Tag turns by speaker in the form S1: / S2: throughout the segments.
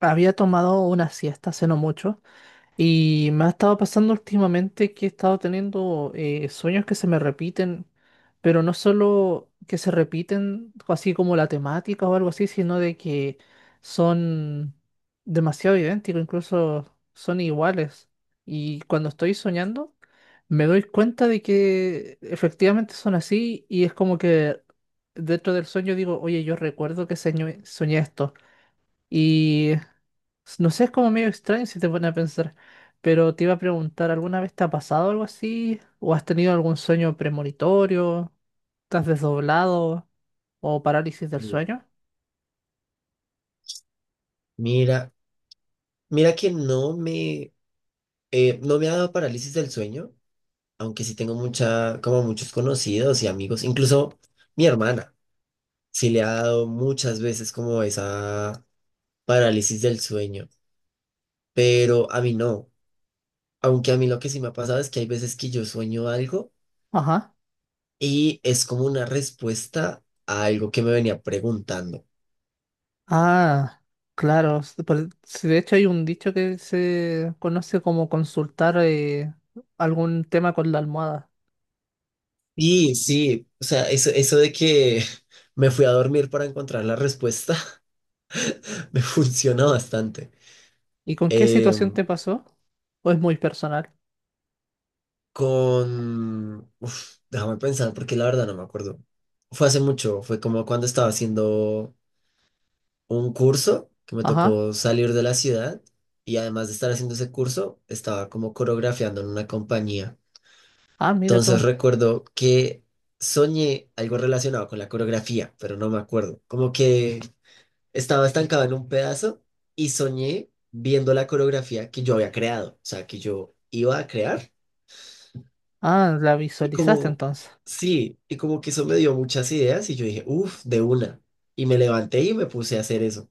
S1: Había tomado una siesta hace no mucho y me ha estado pasando últimamente que he estado teniendo sueños que se me repiten, pero no solo que se repiten así como la temática o algo así, sino de que son demasiado idénticos, incluso son iguales. Y cuando estoy soñando, me doy cuenta de que efectivamente son así y es como que dentro del sueño digo, oye, yo recuerdo que soñé esto. Y no sé, es como medio extraño si te pones a pensar, pero te iba a preguntar, ¿alguna vez te ha pasado algo así? ¿O has tenido algún sueño premonitorio? ¿Estás desdoblado? ¿O parálisis del
S2: Mm.
S1: sueño?
S2: Mira, mira que no me ha dado parálisis del sueño, aunque sí tengo mucha, como muchos conocidos y amigos, incluso mi hermana, sí le ha dado muchas veces como esa parálisis del sueño, pero a mí no, aunque a mí lo que sí me ha pasado es que hay veces que yo sueño algo
S1: Ajá.
S2: y es como una respuesta a algo que me venía preguntando.
S1: Ah, claro. Sí, de hecho hay un dicho que se conoce como consultar algún tema con la almohada.
S2: Y sí, o sea, eso de que me fui a dormir para encontrar la respuesta me funciona bastante.
S1: ¿Y con qué
S2: Eh,
S1: situación te pasó? ¿O es muy personal?
S2: con... Uf, déjame pensar, porque la verdad no me acuerdo. Fue hace mucho, fue como cuando estaba haciendo un curso que me
S1: Ajá.
S2: tocó salir de la ciudad, y además de estar haciendo ese curso, estaba como coreografiando en una compañía.
S1: Ah, mira tú.
S2: Entonces recuerdo que soñé algo relacionado con la coreografía, pero no me acuerdo. Como que estaba estancado en un pedazo y soñé viendo la coreografía que yo había creado, o sea, que yo iba a crear.
S1: Ah, la
S2: Y
S1: visualizaste
S2: como,
S1: entonces.
S2: sí, y como que eso me dio muchas ideas y yo dije, uff, de una. Y me levanté y me puse a hacer eso.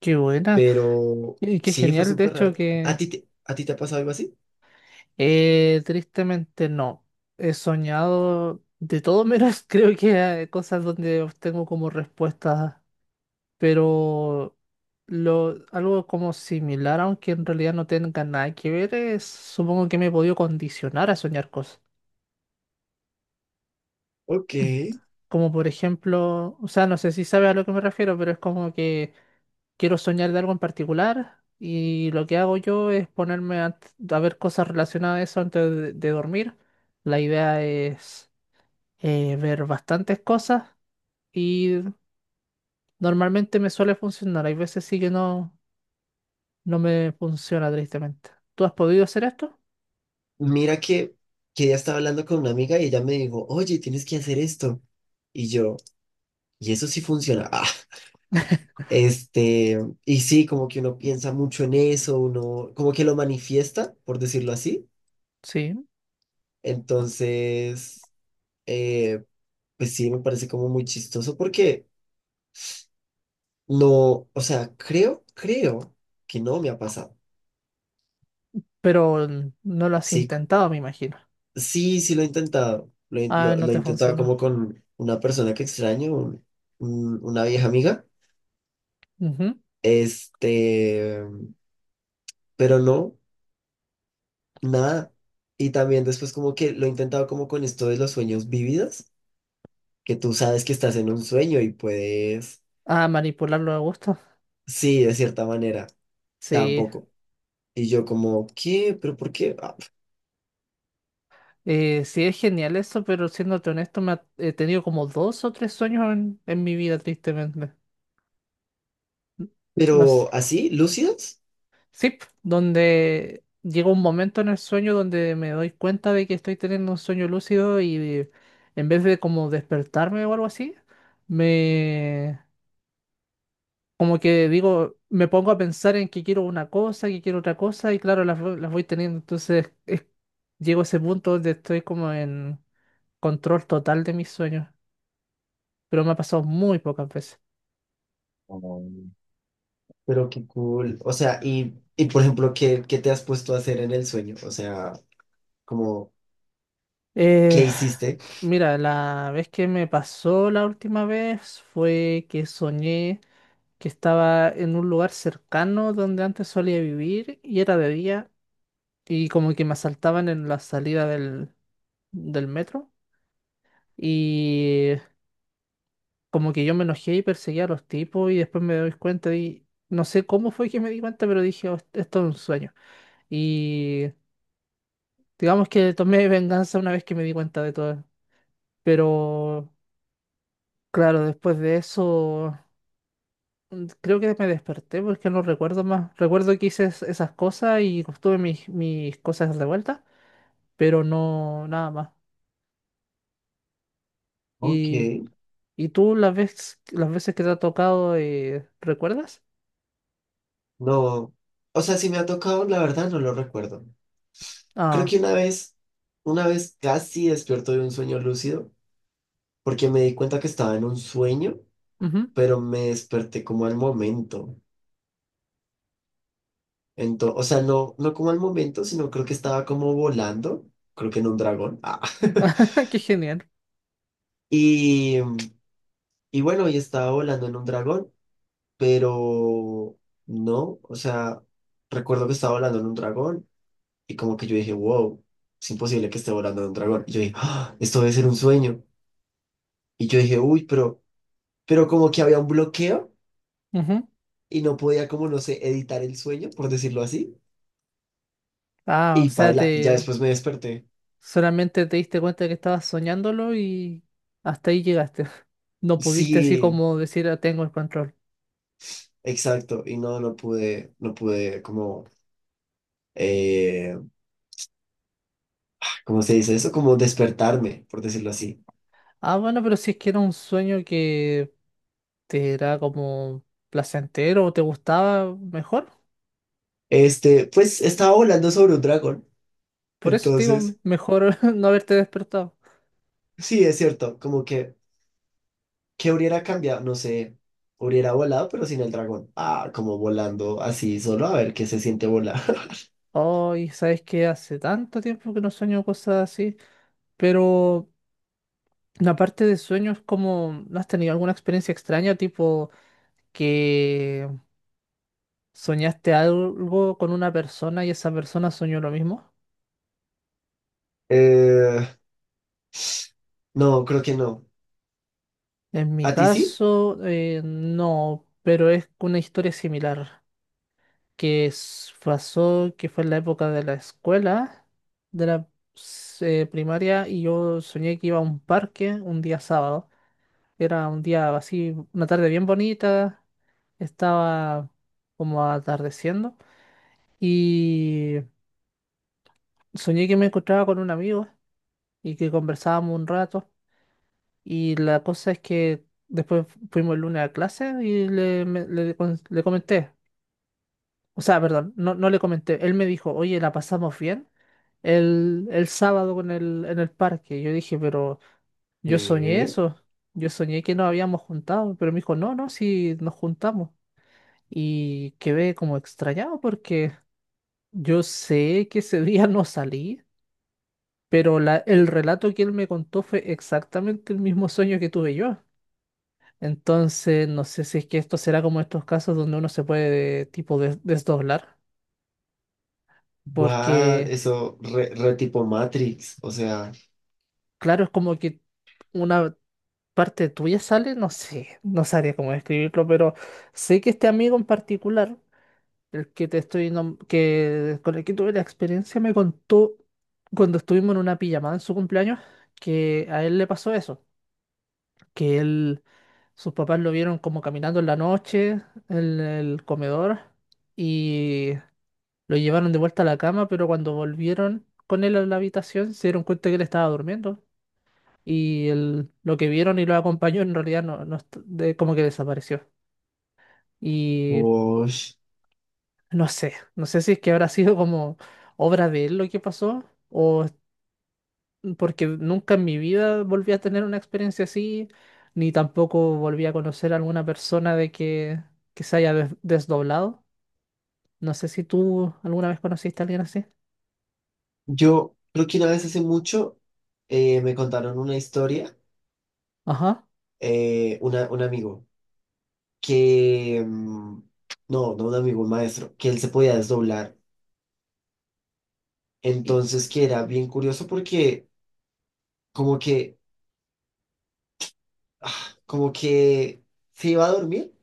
S1: Qué buena.
S2: Pero
S1: Y qué
S2: sí, fue
S1: genial, de
S2: súper
S1: hecho,
S2: raro.
S1: que
S2: A ti te ha pasado algo así?
S1: tristemente no. He soñado de todo menos, creo que cosas donde obtengo como respuestas, pero algo como similar, aunque en realidad no tenga nada que ver, es, supongo que me he podido condicionar a soñar cosas.
S2: Ok.
S1: Como por ejemplo, o sea, no sé si sabes a lo que me refiero, pero es como que quiero soñar de algo en particular y lo que hago yo es ponerme a ver cosas relacionadas a eso antes de dormir. La idea es ver bastantes cosas y normalmente me suele funcionar. Hay veces sí que no, no me funciona tristemente. ¿Tú has podido hacer esto?
S2: Mira que ya estaba hablando con una amiga y ella me dijo, oye, tienes que hacer esto. Y yo, y eso sí funciona. Ah, este, y sí, como que uno piensa mucho en eso, uno como que lo manifiesta, por decirlo así.
S1: Sí,
S2: Entonces, eh, pues sí, me parece como muy chistoso porque no, o sea, creo que no me ha pasado.
S1: pero no lo has
S2: Sí,
S1: intentado, me imagino.
S2: sí, sí lo he intentado. Lo, he
S1: Ah,
S2: lo-
S1: no
S2: lo he
S1: te
S2: intentado como
S1: funcionó.
S2: con una persona que extraño, una vieja amiga.
S1: Ujú.
S2: Este, pero no, nada. Y también después como que lo he intentado como con esto de los sueños vividos, que tú sabes que estás en un sueño y puedes,
S1: Ah, manipularlo a gusto.
S2: sí, de cierta manera,
S1: Sí,
S2: tampoco. Y yo como, ¿qué? ¿Pero por qué? Ah,
S1: eh, sí, es genial eso, pero siéndote honesto, he tenido como dos o tres sueños en mi vida, tristemente. N- No sé.
S2: pero así, lúcidos.
S1: Sí, donde llega un momento en el sueño donde me doy cuenta de que estoy teniendo un sueño lúcido y en vez de como despertarme o algo así, me como que digo, me pongo a pensar en que quiero una cosa, que quiero otra cosa, y claro, las voy teniendo. Entonces, llego a ese punto donde estoy como en control total de mis sueños, pero me ha pasado muy pocas veces.
S2: Pero qué cool. O sea, y por ejemplo, ¿qué, qué te has puesto a hacer en el sueño? O sea, como, ¿qué
S1: Eh,
S2: hiciste?
S1: Mira, la vez que me pasó la última vez fue que soñé que estaba en un lugar cercano donde antes solía vivir y era de día y como que me asaltaban en la salida del metro y como que yo me enojé y perseguí a los tipos y después me doy cuenta y no sé cómo fue que me di cuenta, pero dije, "Oh, esto es un sueño". Y digamos que tomé venganza una vez que me di cuenta de todo. Pero claro, después de eso, creo que me desperté porque no recuerdo más. Recuerdo que hice esas cosas y pues, tuve mis cosas de vuelta, pero no nada más.
S2: Ok,
S1: ¿Y, y tú las veces que te ha tocado, recuerdas?
S2: no. O sea, si me ha tocado, la verdad no lo recuerdo. Creo
S1: Ah,
S2: que una vez casi despierto de un sueño lúcido, porque me di cuenta que estaba en un sueño,
S1: ujú.
S2: pero me desperté como al momento. Entonces, o sea, no, no como al momento, sino creo que estaba como volando, creo que en un dragón. Ah.
S1: Qué genial.
S2: Y, y bueno, y estaba volando en un dragón, pero no, o sea, recuerdo que estaba volando en un dragón y como que yo dije, wow, es imposible que esté volando en un dragón. Y yo dije, "Ah, esto debe ser un sueño". Y yo dije, uy, pero como que había un bloqueo
S1: Ujú.
S2: y no podía como, no sé, editar el sueño, por decirlo así.
S1: Ah, o
S2: Y
S1: sea,
S2: paila, y ya
S1: te
S2: después me desperté.
S1: solamente te diste cuenta que estabas soñándolo y hasta ahí llegaste. No pudiste así
S2: Sí,
S1: como decir, "Ah, tengo el control".
S2: exacto, y no, no pude, no pude como, eh, ¿cómo se dice eso? Como despertarme, por decirlo así.
S1: Ah, bueno, pero si es que era un sueño que, ¿te era como placentero o te gustaba mejor?
S2: Este, pues estaba volando sobre un dragón,
S1: Por eso te digo,
S2: entonces...
S1: mejor no haberte despertado.
S2: Sí, es cierto, como que, ¿qué hubiera cambiado? No sé, hubiera volado, pero sin el dragón. Ah, como volando así, solo a ver qué se siente volar.
S1: Ay, sabes que hace tanto tiempo que no sueño cosas así, pero la parte de sueños como, ¿no has tenido alguna experiencia extraña, tipo que soñaste algo con una persona y esa persona soñó lo mismo?
S2: Eh, no, creo que no.
S1: En mi
S2: ¿A ti sí?
S1: caso, no, pero es una historia similar. Que pasó, que fue en la época de la escuela, de la primaria, y yo soñé que iba a un parque un día sábado. Era un día así, una tarde bien bonita, estaba como atardeciendo, y soñé que me encontraba con un amigo y que conversábamos un rato, y la cosa es que después fuimos el lunes a clase y le, me- le con- le comenté. O sea, perdón, no, no le comenté. Él me dijo, oye, la pasamos bien el sábado con en el parque. Yo dije, pero yo soñé
S2: Qué
S1: eso. Yo soñé que nos habíamos juntado. Pero me dijo, no, no, sí nos juntamos. Y quedé como extrañado porque yo sé que ese día no salí, pero el relato que él me contó fue exactamente el mismo sueño que tuve yo. Entonces, no sé si es que esto será como estos casos donde uno se puede tipo desdoblar.
S2: what?
S1: Porque
S2: Eso, re, re tipo Matrix, o sea,
S1: claro, es como que una parte tuya sale, no sé, no sabría cómo describirlo, pero sé que este amigo en particular, el que te estoy nom- que con el que tuve la experiencia, me contó cuando estuvimos en una pijamada en su cumpleaños que a él le pasó eso, que él sus papás lo vieron como caminando en la noche en el comedor y lo llevaron de vuelta a la cama, pero cuando volvieron con él a la habitación se dieron cuenta que él estaba durmiendo y lo que vieron y lo acompañó en realidad no, como que desapareció. Y
S2: wosh.
S1: no sé, no sé si es que habrá sido como obra de él lo que pasó o es- porque nunca en mi vida volví a tener una experiencia así, ni tampoco volví a conocer a alguna persona que se haya desdoblado. No sé si tú alguna vez conociste a alguien así.
S2: Yo creo que una vez hace mucho me contaron una historia,
S1: Ajá.
S2: un amigo, que, mm, no, no un amigo, un maestro, que él se podía desdoblar.
S1: Y,
S2: Entonces, que era bien curioso porque como que, ah, como que se iba a dormir,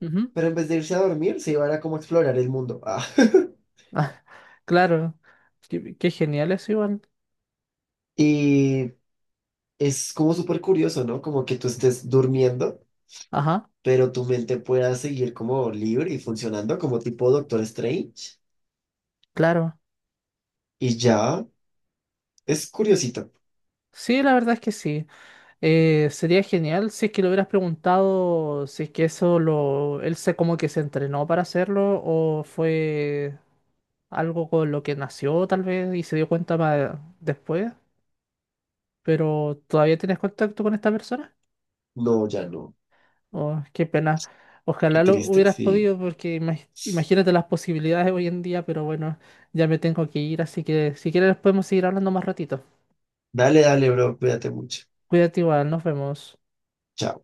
S1: ujú.
S2: pero en vez de irse a dormir, se iba a como a explorar el mundo. Ah.
S1: Ah, claro. Qué, qué genial eso igual.
S2: Y es como súper curioso, ¿no? Como que tú estés durmiendo,
S1: Ajá.
S2: pero tu mente pueda seguir como libre y funcionando como tipo Doctor Strange.
S1: Claro.
S2: Y ya, es curiosito.
S1: Sí, la verdad es que sí. Sería genial si es que lo hubieras preguntado si es que eso él se como que se entrenó para hacerlo o fue algo con lo que nació tal vez y se dio cuenta más después, pero ¿todavía tienes contacto con esta persona?
S2: No, ya no.
S1: Oh, qué pena.
S2: Qué
S1: Ojalá lo
S2: triste,
S1: hubieras
S2: sí.
S1: podido porque imagínate las posibilidades hoy en día, pero bueno, ya me tengo que ir, así que si quieres podemos seguir hablando más ratito.
S2: Dale, dale, bro, cuídate mucho.
S1: Cuídate igual, nos vemos.
S2: Chao.